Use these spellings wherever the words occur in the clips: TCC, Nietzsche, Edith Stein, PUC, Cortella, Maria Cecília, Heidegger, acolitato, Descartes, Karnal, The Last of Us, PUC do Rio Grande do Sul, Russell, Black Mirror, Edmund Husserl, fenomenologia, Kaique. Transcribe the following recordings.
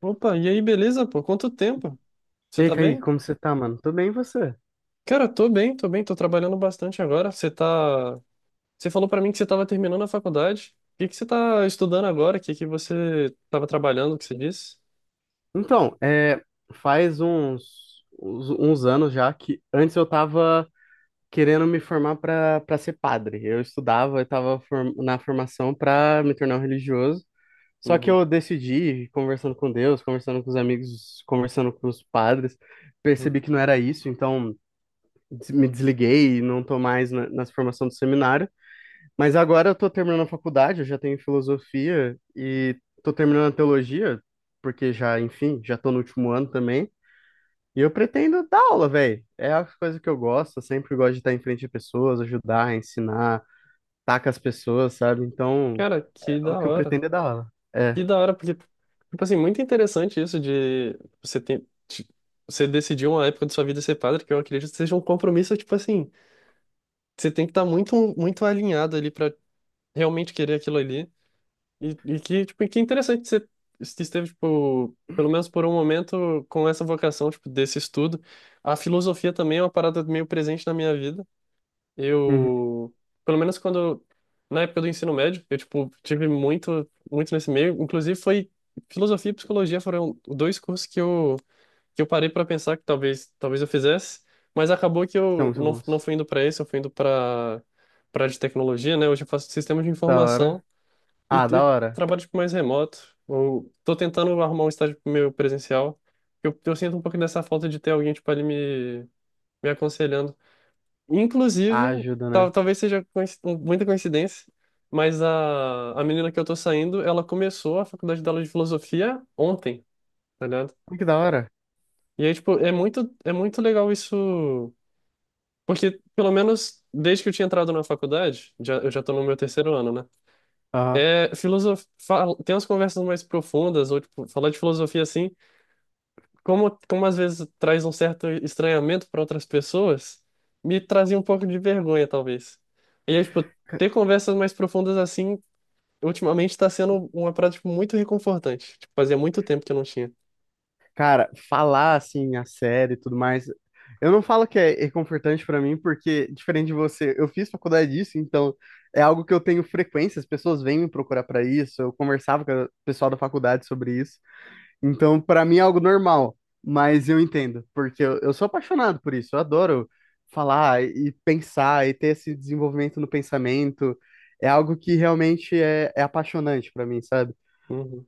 Opa, e aí, beleza, pô? Quanto tempo? E Você aí, tá Kaique, bem? como você tá, mano? Tô bem, e você? Cara, tô bem, tô bem, tô trabalhando bastante agora. Você tá. Você falou pra mim que você tava terminando a faculdade. O que que você tá estudando agora? O que que você tava trabalhando, que você disse? Então, faz uns anos já que antes eu tava querendo me formar pra ser padre. Eu estudava, na formação pra me tornar um religioso. Só que Uhum. eu decidi, conversando com Deus, conversando com os amigos, conversando com os padres, Uhum. percebi que não era isso, então me desliguei e não tô mais na formação do seminário. Mas agora eu tô terminando a faculdade, eu já tenho filosofia e tô terminando a teologia, porque já, enfim, já tô no último ano também. E eu pretendo dar aula, velho. É a coisa que eu gosto, eu sempre gosto de estar em frente de pessoas, ajudar, ensinar, estar com as pessoas, sabe? Então, Cara, que o da que eu hora. pretendo é dar aula. É. Que da hora, porque, tipo assim, muito interessante isso de você tem. Você decidiu uma época de sua vida ser padre, que eu acredito que seja um compromisso, tipo assim, você tem que estar muito, muito alinhado ali pra realmente querer aquilo ali. E que, tipo, e que interessante que você que esteve, tipo, pelo menos por um momento, com essa vocação, tipo, desse estudo. A filosofia também é uma parada meio presente na minha vida. Uhum. Eu, pelo menos quando, na época do ensino médio, eu, tipo, tive muito, muito nesse meio. Inclusive, foi filosofia e psicologia foram dois cursos que eu parei para pensar que talvez, talvez eu fizesse, mas acabou que São eu muito não, não bons. fui indo para esse, eu fui indo para para de tecnologia, né? Hoje eu faço sistema de Da hora. informação. E, Ah, da e hora. trabalho tipo, mais remoto. Ou tô tentando arrumar um estágio meu presencial. Eu sinto um pouco dessa falta de ter alguém tipo, ali me, me aconselhando. Ah, Inclusive, ajuda, né? talvez seja muita coincidência, mas a menina que eu tô saindo, ela começou a faculdade dela de filosofia ontem, tá ligado? Olha, que da hora. E aí, tipo, é muito legal isso. Porque, pelo menos, desde que eu tinha entrado na faculdade, já, eu já tô no meu terceiro ano, né? Aham. É, tem umas conversas mais profundas, ou tipo, falar de filosofia assim, como, como às vezes traz um certo estranhamento para outras pessoas, me trazia um pouco de vergonha, talvez. E aí, tipo, ter conversas mais profundas assim, ultimamente está sendo uma prática tipo, muito reconfortante. Tipo, fazia muito tempo que eu não tinha. Cara, falar assim a série e tudo mais, eu não falo que é reconfortante pra mim, porque diferente de você, eu fiz faculdade disso, então é algo que eu tenho frequência, as pessoas vêm me procurar pra isso, eu conversava com o pessoal da faculdade sobre isso, então pra mim é algo normal, mas eu entendo, porque eu sou apaixonado por isso, eu adoro falar e pensar e ter esse desenvolvimento no pensamento, é algo que realmente é apaixonante pra mim, sabe? Uhum.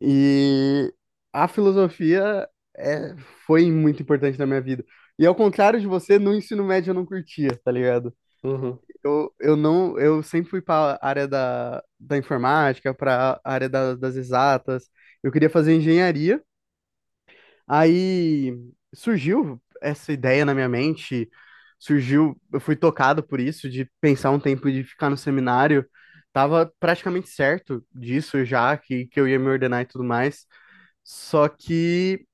E a filosofia é, foi muito importante na minha vida. E ao contrário de você, no ensino médio eu não curtia, tá ligado? Uhum. Eu não, eu sempre fui para a área da informática, para a área das exatas. Eu queria fazer engenharia. Aí surgiu essa ideia na minha mente, surgiu, eu fui tocado por isso, de pensar um tempo de ficar no seminário. Tava praticamente certo disso já, que eu ia me ordenar e tudo mais. Só que,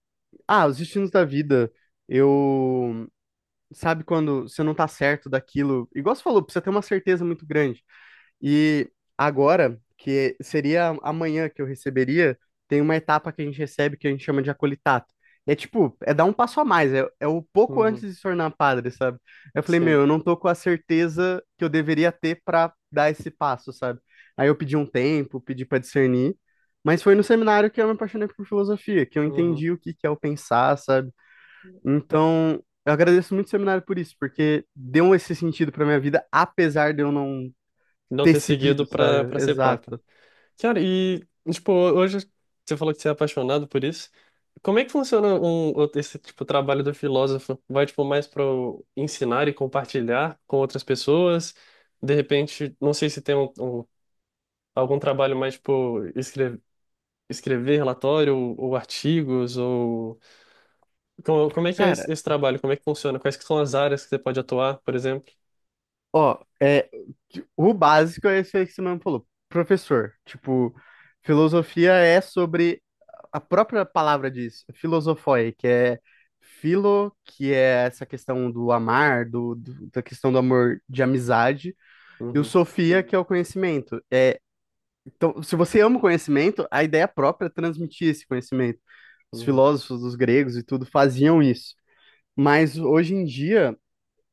ah, os destinos da vida. Eu, sabe quando você não tá certo daquilo, igual você falou, precisa ter uma certeza muito grande. E agora, que seria amanhã que eu receberia, tem uma etapa que a gente recebe que a gente chama de acolitato. É tipo, é dar um passo a mais, é o pouco antes Uhum. de se tornar padre, sabe? Eu falei, meu, Sim. eu não tô com a certeza que eu deveria ter pra dar esse passo, sabe? Aí eu pedi um tempo, pedi pra discernir, mas foi no seminário que eu me apaixonei por filosofia, que eu Uhum. entendi o que que é o pensar, sabe? Então, eu agradeço muito o seminário por isso, porque deu esse sentido pra minha vida, apesar de eu não Não ter ter seguido seguido, para sabe? para ser papa. Exato. Cara, e, tipo, hoje você falou que você é apaixonado por isso. Como é que funciona esse, tipo, trabalho do filósofo? Vai, tipo, mais para ensinar e compartilhar com outras pessoas? De repente, não sei se tem um, algum trabalho mais, tipo, escrever, escrever relatório ou artigos, ou... Como, como é que é Cara, esse, esse trabalho? Como é que funciona? Quais que são as áreas que você pode atuar, por exemplo? ó, o básico é isso aí que você mesmo falou. Professor, tipo, filosofia é sobre a própria palavra diz, filosofoi, que é filo, que é essa questão do amar, da questão do amor de amizade, e o Uhum. sofia, que é o conhecimento. É, então, se você ama o conhecimento, a ideia própria é transmitir esse conhecimento. Os Uhum. filósofos, os gregos e tudo faziam isso. Mas hoje em dia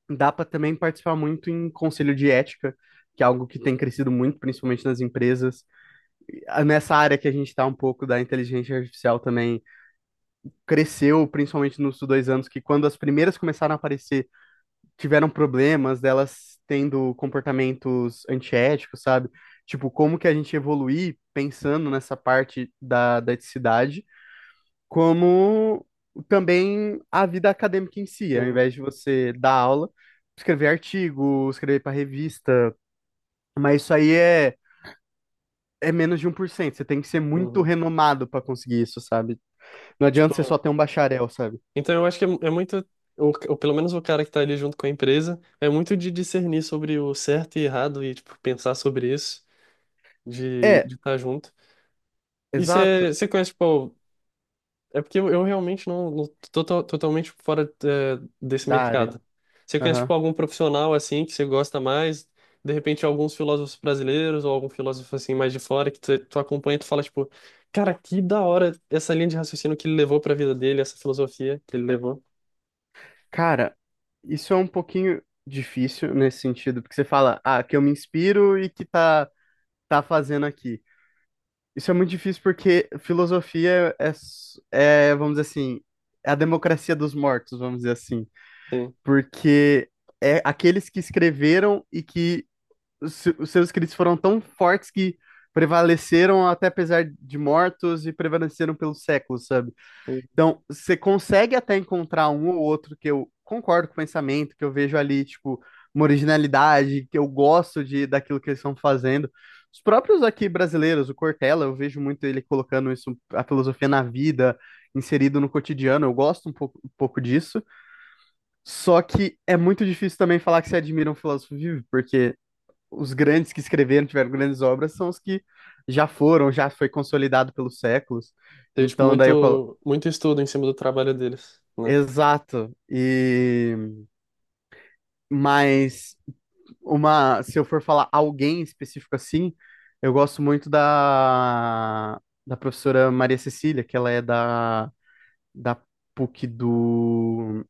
dá para também participar muito em conselho de ética, que é algo que tem crescido muito, principalmente nas empresas. Nessa área que a gente está um pouco da inteligência artificial também cresceu, principalmente nos 2 anos, que quando as primeiras começaram a aparecer, tiveram problemas delas tendo comportamentos antiéticos, sabe? Tipo, como que a gente evoluir pensando nessa parte da eticidade como também a vida acadêmica em si, ao Uhum. invés de você dar aula, escrever artigo, escrever para revista, mas isso aí é menos de 1%. Você tem que ser muito Uhum. renomado para conseguir isso, sabe? Não adianta você Tipo, só ter um bacharel, sabe? então eu acho que é, é muito, ou pelo menos o cara que tá ali junto com a empresa, é muito de discernir sobre o certo e errado e, tipo, pensar sobre isso, de É, de estar junto. E exato, você conhece, tipo, é porque eu realmente não, não tô totalmente fora é, desse da área. mercado. Você conhece, Aham. tipo, algum profissional, assim, que você gosta mais, de repente alguns filósofos brasileiros ou algum filósofo, assim, mais de fora, que tu, tu acompanha e tu fala, tipo, cara, que da hora essa linha de raciocínio que ele levou pra vida dele, essa filosofia que ele levou. Cara, isso é um pouquinho difícil nesse sentido, porque você fala, ah, que eu me inspiro e que tá fazendo aqui. Isso é muito difícil porque filosofia é, vamos dizer assim, é a democracia dos mortos, vamos dizer assim. Porque é aqueles que escreveram e que os se- os seus escritos foram tão fortes que prevaleceram até apesar de mortos e prevaleceram pelos séculos, sabe? Sim. Então, você consegue até encontrar um ou outro que eu concordo com o pensamento, que eu vejo ali, tipo, uma originalidade, que eu gosto de daquilo que eles estão fazendo. Os próprios aqui brasileiros, o Cortella, eu vejo muito ele colocando isso, a filosofia na vida, inserido no cotidiano, eu gosto um pouco disso. Só que é muito difícil também falar que você admira um filósofo vivo, porque os grandes que escreveram, tiveram grandes obras, são os que já foram, já foi consolidado pelos séculos. Teve, tipo, Então, daí eu, muito, muito estudo em cima do trabalho deles, né? Exato. E mas uma, se eu for falar alguém específico assim, eu gosto muito da professora Maria Cecília, que ela é da PUC do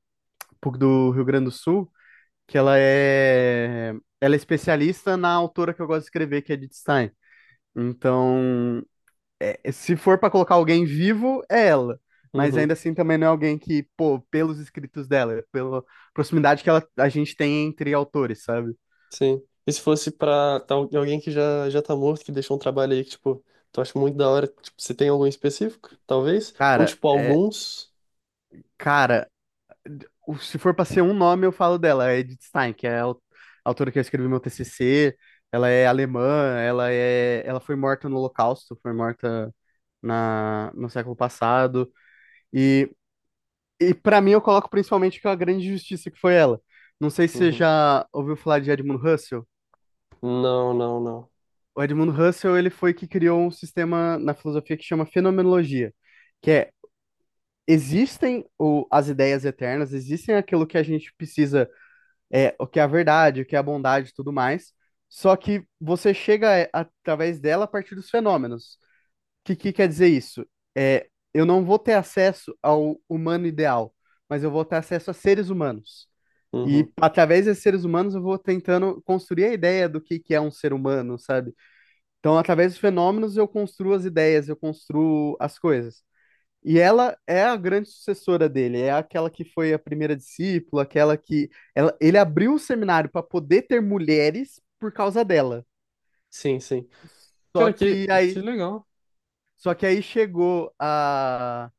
PUC do Rio Grande do Sul, que ela ela é especialista na autora que eu gosto de escrever, que é Edith Stein. Então, é, se for pra colocar alguém vivo, é ela. Mas Uhum. ainda assim também não é alguém que, pô, pelos escritos dela, pela proximidade que ela, a gente tem entre autores, sabe? Sim. E se fosse pra alguém que já, já tá morto, que deixou um trabalho aí que, tipo, tu acha muito da hora, tipo, você tem algum específico, talvez? Ou, Cara, tipo, é, alguns? cara, se for pra ser um nome, eu falo dela, é Edith Stein, que é a autora que eu escrevi meu TCC, ela é alemã, ela é, ela foi morta no Holocausto, foi morta no século passado, e, e para mim eu coloco principalmente que é a grande justiça que foi ela. Não sei se você Uhum. já ouviu falar de Edmund Husserl. Não, não, não. O Edmund Husserl, ele foi que criou um sistema na filosofia que chama fenomenologia, que é existem o, as ideias eternas, existem aquilo que a gente precisa, é, o que é a verdade, o que é a bondade e tudo mais, só que você chega através dela a partir dos fenômenos. O que, que quer dizer isso? É, eu não vou ter acesso ao humano ideal, mas eu vou ter acesso a seres humanos. E Uhum. através desses seres humanos eu vou tentando construir a ideia do que é um ser humano, sabe? Então, através dos fenômenos, eu construo as ideias, eu construo as coisas. E ela é a grande sucessora dele, é aquela que foi a primeira discípula, aquela que. Ela, ele abriu o seminário para poder ter mulheres por causa dela. Sim, sim. Só Cara, que que aí, legal. só que aí chegou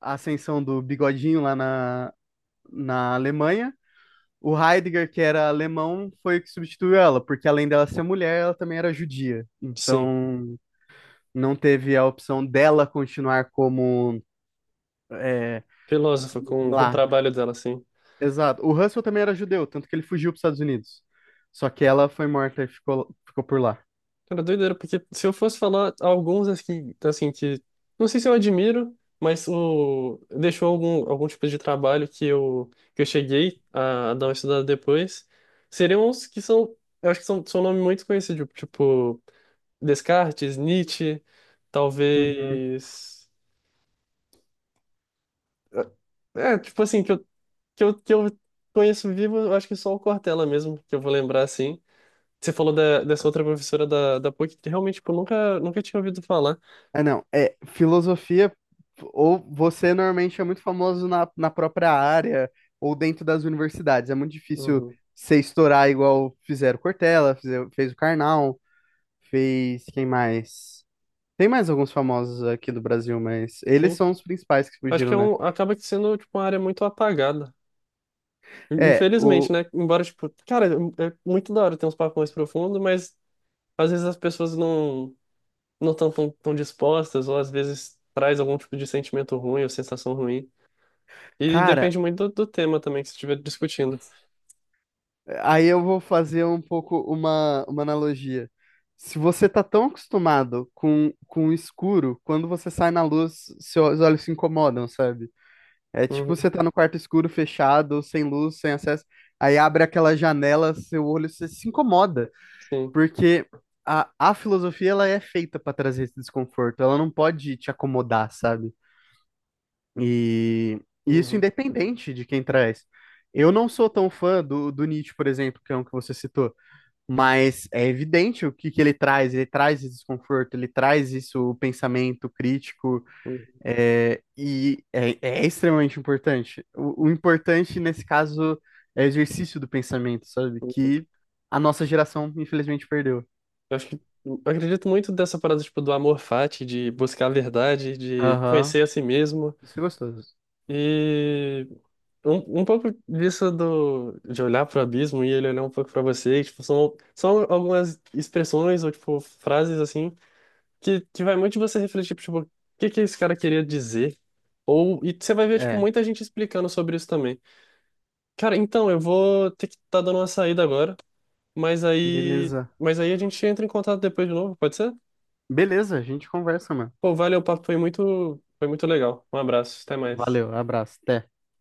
a ascensão do Bigodinho lá na Alemanha. O Heidegger, que era alemão, foi o que substituiu ela, porque além dela ser mulher, ela também era judia. Sim. Então, não teve a opção dela continuar como é, Filósofa, com o lá. trabalho dela, sim. Exato. O Russell também era judeu, tanto que ele fugiu para os Estados Unidos. Só que ela foi morta e ficou, ficou por lá. Cara, doideira, porque se eu fosse falar alguns assim, assim que não sei se eu admiro, mas o deixou algum algum tipo de trabalho que eu cheguei a, dar uma estudada depois, seriam uns que são, eu acho que são são nomes muito conhecidos, tipo Descartes, Nietzsche, Uhum. talvez é, tipo assim que eu que eu, que eu conheço vivo, eu acho que só o Cortella mesmo que eu vou lembrar assim. Você falou da, dessa outra professora da, da PUC que realmente tipo, eu nunca nunca tinha ouvido falar. Ah, não. É, filosofia, ou você normalmente é muito famoso na própria área, ou dentro das universidades. É muito difícil Uhum. você estourar igual fizeram Cortella, fez o Karnal, fez quem mais? Tem mais alguns famosos aqui do Brasil, mas eles Sim. são os principais que Acho que fugiram, é né? um, acaba que sendo tipo, uma área muito apagada. É, Infelizmente, né? Embora, tipo, cara, é muito da hora ter uns papos mais profundos, mas às vezes as pessoas não não estão tão, tão tão dispostas, ou às vezes traz algum tipo de sentimento ruim ou sensação ruim. E cara, depende muito do, do tema também que você estiver discutindo. aí eu vou fazer um pouco uma analogia. Se você tá tão acostumado com o escuro, quando você sai na luz, seus olhos se incomodam, sabe? É tipo Uhum. você tá no quarto escuro, fechado, sem luz, sem acesso, aí abre aquela janela, seu olho se incomoda, Sim. porque a filosofia ela é feita pra trazer esse desconforto, ela não pode te acomodar, sabe? E, e isso Uhum. independente de quem traz. Eu não sou tão fã do Nietzsche, por exemplo, que é um que você citou, mas é evidente o que, que ele traz. Ele traz esse desconforto, ele traz isso, o pensamento crítico, Uhum. É extremamente importante. O importante, nesse caso, é o exercício do pensamento, sabe? Uhum. Que a nossa geração, infelizmente, perdeu. Eu acho que eu acredito muito dessa parada, tipo, do amor fati, de buscar a verdade, de Aham, conhecer a si mesmo. isso é gostoso. E um pouco disso do, de olhar para o abismo e ele olhar um pouco para você, tipo, são, são algumas expressões ou, tipo, frases, assim, que vai muito de você refletir, tipo, o que que esse cara queria dizer? Ou, e você vai ver, tipo, É, muita gente explicando sobre isso também. Cara, então, eu vou ter que estar dando uma saída agora, beleza. mas aí a gente entra em contato depois de novo, pode ser? Beleza, a gente conversa, mano. Pô, valeu, o papo foi muito legal. Um abraço, até mais. Valeu, abraço, até.